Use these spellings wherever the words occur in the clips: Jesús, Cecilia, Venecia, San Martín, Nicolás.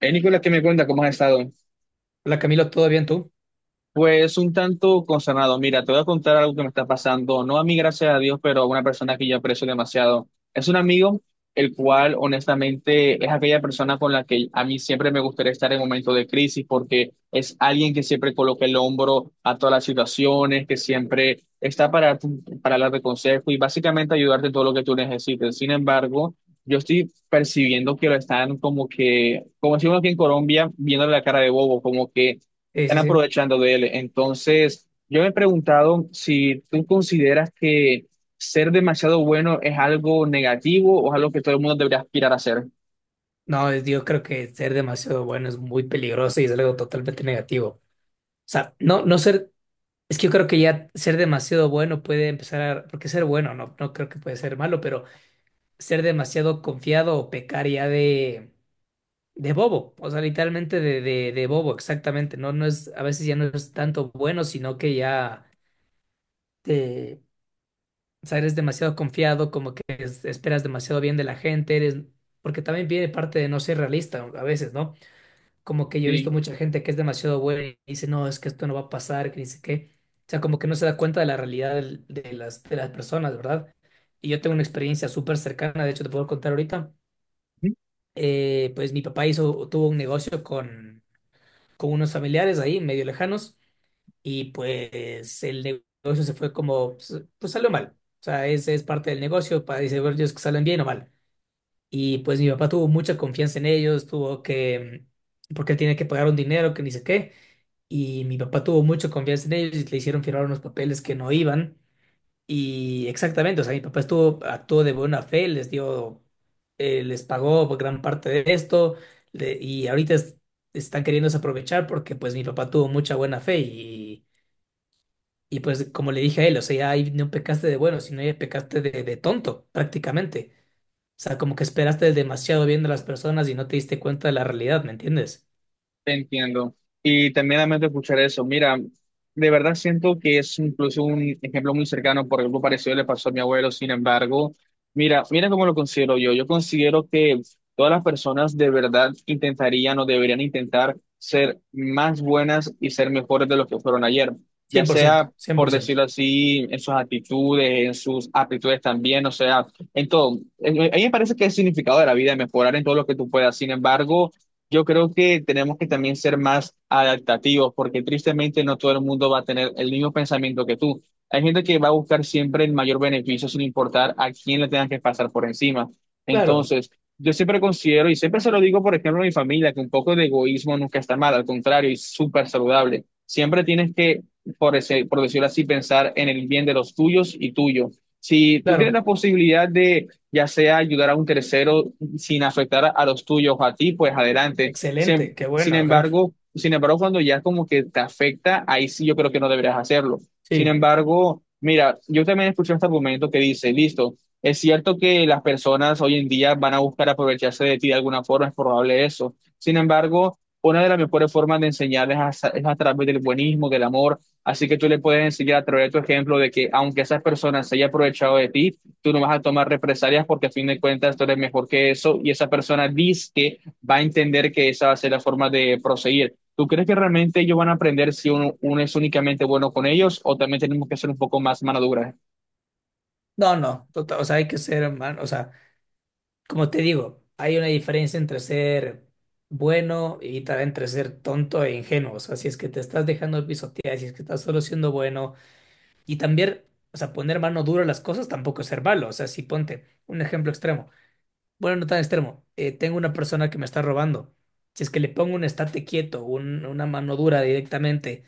Nicolás, ¿qué me cuenta? ¿Cómo has estado? Hola Camilo, ¿todo bien tú? Pues un tanto consternado. Mira, te voy a contar algo que me está pasando, no a mí, gracias a Dios, pero a una persona que yo aprecio demasiado. Es un amigo, el cual honestamente es aquella persona con la que a mí siempre me gustaría estar en momentos de crisis, porque es alguien que siempre coloca el hombro a todas las situaciones, que siempre está para darte consejo y básicamente ayudarte en todo lo que tú necesites. Sin embargo, yo estoy percibiendo que lo están como que, como decimos aquí en Colombia, viendo la cara de bobo, como que Sí, están sí, sí. aprovechando de él. Entonces, yo me he preguntado si tú consideras que ser demasiado bueno es algo negativo o es algo que todo el mundo debería aspirar a ser. No, yo creo que ser demasiado bueno es muy peligroso y es algo totalmente negativo. O sea, no, no ser, es que yo creo que ya ser demasiado bueno puede empezar a, porque ser bueno no creo que puede ser malo, pero ser demasiado confiado o pecar ya de bobo. O sea, literalmente de bobo, exactamente. No, no es, A veces ya no es tanto bueno, sino que ya. O sea, eres demasiado confiado, como que esperas demasiado bien de la gente, eres, porque también viene parte de no ser realista a veces, ¿no? Como que yo he visto Sí. mucha gente que es demasiado buena y dice, no, es que esto no va a pasar, que ni sé qué. O sea, como que no se da cuenta de la realidad de las personas, ¿verdad? Y yo tengo una experiencia súper cercana, de hecho te puedo contar ahorita. Pues mi papá hizo, tuvo un negocio con unos familiares ahí, medio lejanos, y pues el negocio se fue como, pues, pues salió mal. O sea, ese es parte del negocio, para dice, bueno, ellos que salen bien o mal. Y pues mi papá tuvo mucha confianza en ellos, tuvo que, porque él tiene que pagar un dinero que ni sé qué. Y mi papá tuvo mucha confianza en ellos y le hicieron firmar unos papeles que no iban. Y exactamente, o sea, mi papá estuvo, actuó de buena fe, les dio, les pagó gran parte de esto. le- y ahorita es- Están queriéndose aprovechar porque pues mi papá tuvo mucha buena fe, y pues como le dije a él, o sea, ahí no pecaste de bueno, sino ya pecaste de tonto, prácticamente. O sea, como que esperaste demasiado bien de las personas y no te diste cuenta de la realidad, ¿me entiendes? Te entiendo. Y también lamento escuchar eso. Mira, de verdad siento que es incluso un ejemplo muy cercano, por algo parecido le pasó a mi abuelo. Sin embargo, mira cómo lo considero yo. Yo considero que todas las personas de verdad intentarían o deberían intentar ser más buenas y ser mejores de lo que fueron ayer. Cien Ya por ciento, sea, cien por por ciento decirlo así, en sus actitudes, en sus aptitudes también, o sea, en todo. A mí me parece que el significado de la vida es mejorar en todo lo que tú puedas. Sin embargo, yo creo que tenemos que también ser más adaptativos, porque tristemente no todo el mundo va a tener el mismo pensamiento que tú. Hay gente que va a buscar siempre el mayor beneficio sin importar a quién le tengan que pasar por encima. Claro, Entonces, yo siempre considero, y siempre se lo digo, por ejemplo, a mi familia, que un poco de egoísmo nunca está mal, al contrario, es súper saludable. Siempre tienes que, por decirlo así, pensar en el bien de los tuyos y tuyo. Si tú tienes claro. la posibilidad de, ya sea ayudar a un tercero, sin afectar a los tuyos, a ti, pues adelante. Sin, Excelente, qué sin bueno, ajá. embargo, sin embargo, cuando ya como que te afecta, ahí sí yo creo que no deberías hacerlo. Sin Sí. embargo, mira, yo también escuché este argumento que dice, listo, es cierto que las personas hoy en día van a buscar aprovecharse de ti de alguna forma, es probable eso. Sin embargo, una de las mejores formas de enseñarles es a través del buenismo, del amor. Así que tú le puedes enseñar a través de tu ejemplo de que aunque esas personas se hayan aprovechado de ti, tú no vas a tomar represalias porque a fin de cuentas tú eres mejor que eso y esa persona dice que va a entender que esa va a ser la forma de proseguir. ¿Tú crees que realmente ellos van a aprender si uno es únicamente bueno con ellos o también tenemos que ser un poco más mano dura? No, no, tota- O sea, hay que ser, hermano. O sea, como te digo, hay una diferencia entre ser bueno y también entre ser tonto e ingenuo. O sea, si es que te estás dejando pisotear, si es que estás solo siendo bueno. Y también, o sea, poner mano dura a las cosas tampoco es ser malo. O sea, si ponte un ejemplo extremo, bueno, no tan extremo, tengo una persona que me está robando. Si es que le pongo un estate quieto, una mano dura directamente,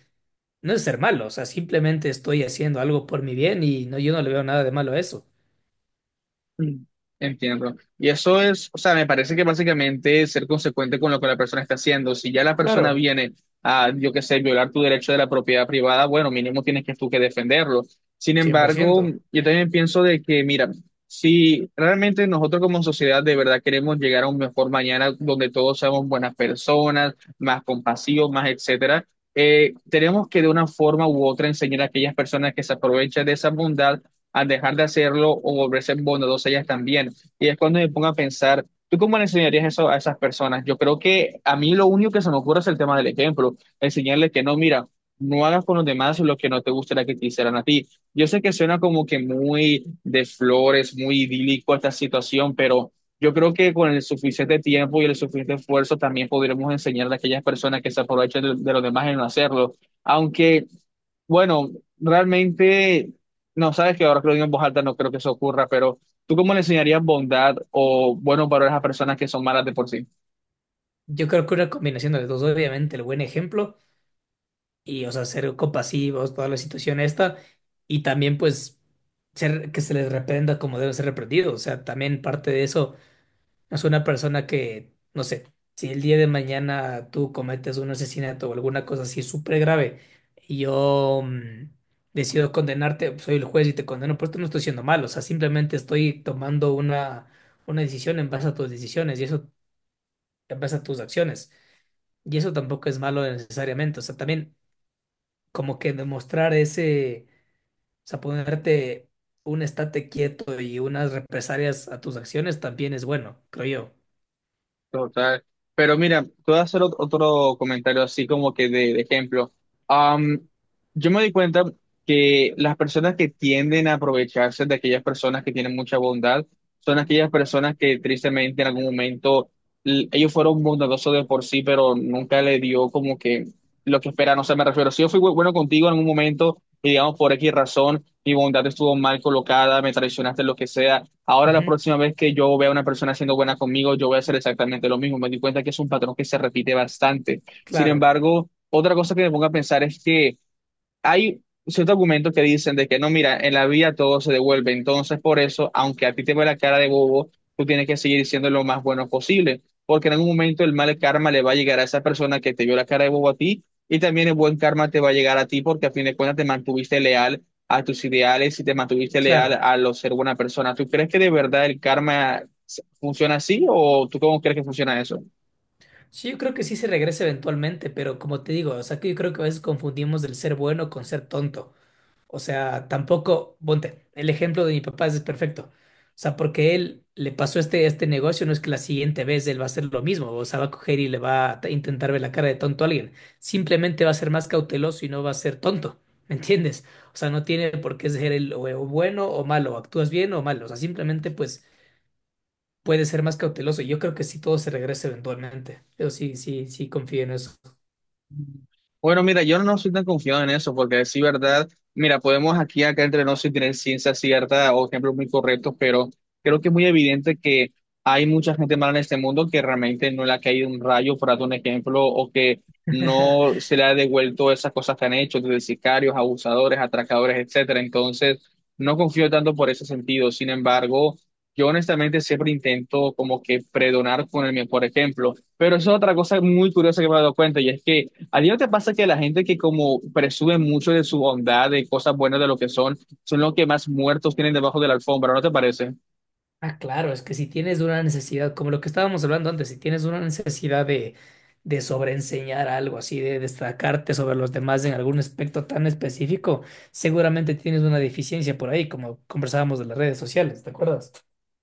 no es ser malo. O sea, simplemente estoy haciendo algo por mi bien y no, yo no le veo nada de malo a eso. Mm, Entiendo. Y eso es, o sea, me parece que básicamente es ser consecuente con lo que la persona está haciendo. Si ya la Claro, persona viene a, yo qué sé, violar tu derecho de la propiedad privada, bueno, mínimo tienes que tú que defenderlo. Sin cien por embargo, ciento yo también pienso de que, mira, si realmente nosotros como sociedad de verdad queremos llegar a un mejor mañana donde todos seamos buenas personas, más compasivos, más etcétera, tenemos que de una forma u otra enseñar a aquellas personas que se aprovechan de esa bondad a dejar de hacerlo o volverse bondadosa ellas también. Y es cuando me pongo a pensar, ¿tú cómo le enseñarías eso a esas personas? Yo creo que a mí lo único que se me ocurre es el tema del ejemplo, enseñarles que no, mira, no hagas con los demás lo que no te gustaría que te hicieran a ti. Yo sé que suena como que muy de flores, muy idílico esta situación, pero... Yo creo que con el suficiente tiempo y el suficiente esfuerzo también podremos enseñar a aquellas personas que se aprovechan de los demás en no hacerlo. Aunque bueno, realmente, no sabes que ahora que lo digo en voz alta no creo que eso ocurra, pero ¿tú cómo le enseñarías bondad o buenos valores a personas que son malas de por sí? Yo creo que una combinación de los dos, obviamente, el buen ejemplo y, o sea, ser compasivos, toda la situación esta, y también, pues, ser, que se les reprenda como debe ser reprendido. O sea, también parte de eso. Es una persona que, no sé, si el día de mañana tú cometes un asesinato o alguna cosa así súper grave, y yo decido condenarte, pues, soy el juez y te condeno, pero esto no estoy siendo malo. O sea, simplemente estoy tomando una decisión en base a tus decisiones y eso, en base a tus acciones. Y eso tampoco es malo necesariamente. O sea, también como que demostrar ese, o sea, ponerte un estate quieto y unas represalias a tus acciones también es bueno, creo yo. Total. Pero mira, te voy a hacer otro comentario así como que de ejemplo. Am, yo me di cuenta que las personas que tienden a aprovecharse de aquellas personas que tienen mucha bondad son aquellas personas que tristemente en algún momento ellos fueron bondadosos de por sí, pero nunca le dio como que lo que esperan. O sea, me refiero, si yo fui bueno contigo en algún momento y digamos por X razón, mi bondad estuvo mal colocada, me traicionaste, lo que sea. Ahora la Ujú, próxima vez que yo vea a una persona siendo buena conmigo, yo voy a hacer exactamente lo mismo. Me di cuenta que es un patrón que se repite bastante. Sin claro, embargo, otra cosa que me pongo a pensar es que hay ciertos argumentos que dicen de que no, mira, en la vida todo se devuelve, entonces por eso, aunque a ti te ve la cara de bobo, tú tienes que seguir siendo lo más bueno posible, porque en algún momento el mal karma le va a llegar a esa persona que te vio la cara de bobo a ti, y también el buen karma te va a llegar a ti porque a fin de cuentas te mantuviste leal a tus ideales y te mantuviste leal claro. a lo ser buena persona. ¿Tú crees que de verdad el karma funciona así o tú cómo crees que funciona eso? Sí, yo creo que sí se regresa eventualmente, pero como te digo, o sea, que yo creo que a veces confundimos el ser bueno con ser tonto. O sea, tampoco, ponte, el ejemplo de mi papá es perfecto. O sea, porque él le pasó este, este negocio, no es que la siguiente vez él va a hacer lo mismo. O sea, va a coger y le va a intentar ver la cara de tonto a alguien. Simplemente va a ser más cauteloso y no va a ser tonto, ¿me entiendes? O sea, no tiene por qué ser el o bueno o malo, o actúas bien o mal. O sea, simplemente pues puede ser más cauteloso. Yo creo que sí todo se regresa eventualmente. Yo sí, sí, sí confío en eso. Bueno, mira, yo no soy tan confiado en eso, porque sí, verdad, mira, podemos aquí acá entre nosotros tener ciencia cierta o ejemplos muy correctos, pero creo que es muy evidente que hay mucha gente mala en este mundo que realmente no le ha caído un rayo, por darte un ejemplo, o que no se le ha devuelto esas cosas que han hecho, desde sicarios, abusadores, atracadores, etcétera. Entonces, no confío tanto por ese sentido. Sin embargo, yo honestamente siempre intento como que predonar con el mío, por ejemplo. Pero eso es otra cosa muy curiosa que me he dado cuenta, y es que ¿a ti no te pasa que la gente que como presume mucho de su bondad, de cosas buenas, de lo que son, son los que más muertos tienen debajo de la alfombra, ¿no te parece? Ah, claro, es que si tienes una necesidad, como lo que estábamos hablando antes, si tienes una necesidad de sobreenseñar algo, así de destacarte sobre los demás en algún aspecto tan específico, seguramente tienes una deficiencia por ahí, como conversábamos de las redes sociales, ¿te acuerdas?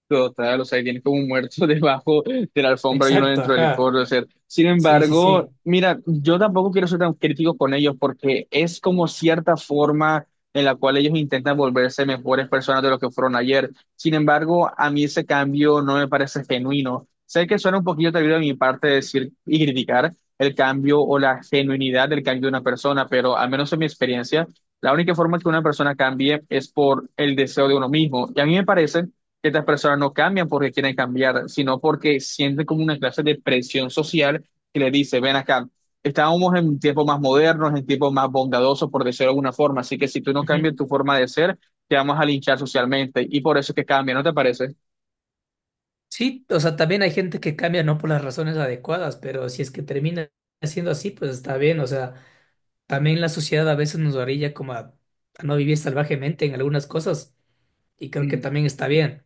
Total, o sea, y tiene como un muerto debajo de la alfombra y uno Exacto, dentro del ajá. coro. O sea, sin Sí, sí, embargo, sí. mira, yo tampoco quiero ser tan crítico con ellos porque es como cierta forma en la cual ellos intentan volverse mejores personas de lo que fueron ayer. Sin embargo, a mí ese cambio no me parece genuino. Sé que suena un poquito atrevido de mi parte decir y criticar el cambio o la genuinidad del cambio de una persona, pero al menos en mi experiencia, la única forma que una persona cambie es por el deseo de uno mismo. Y a mí me parece que estas personas no cambian porque quieren cambiar, sino porque sienten como una clase de presión social que le dice, ven acá, estábamos en tiempos más modernos, en tiempos más bondadosos, por decirlo de alguna forma, así que si tú no Ujú. cambias tu forma de ser, te vamos a linchar socialmente y por eso es que cambia, ¿no te parece? Sí, o sea, también hay gente que cambia no por las razones adecuadas, pero si es que termina siendo así, pues está bien, o sea. También la sociedad a veces nos orilla como a no vivir salvajemente en algunas cosas, y creo que Mm, también está bien.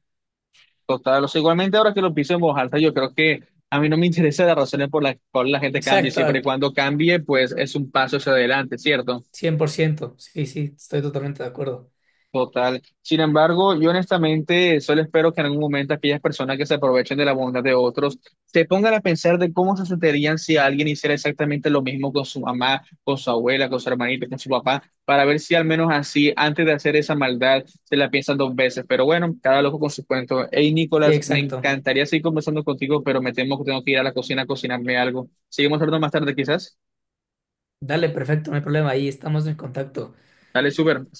Total, o sea, igualmente ahora que lo pienso en voz alta, yo creo que a mí no me interesa las razones por las cuales la gente cambie, Exacto, siempre y cuando cambie, pues es un paso hacia adelante, ¿cierto? 100%. Sí, sí, estoy totalmente de acuerdo. Total. Sin embargo, yo honestamente solo espero que en algún momento aquellas personas que se aprovechen de la bondad de otros se pongan a pensar de cómo se sentirían si alguien hiciera exactamente lo mismo con su mamá, con su abuela, con su hermanita, con su papá, para ver si al menos así, antes de hacer esa maldad, se la piensan 2 veces. Pero bueno, cada loco con su cuento. Hey, Sí, Nicolás, me exacto. encantaría seguir conversando contigo, pero me temo que tengo que ir a la cocina a cocinarme algo. Seguimos hablando más tarde, quizás. Dale, perfecto, no hay problema. Ahí estamos en contacto. Dale, súper. Hasta luego.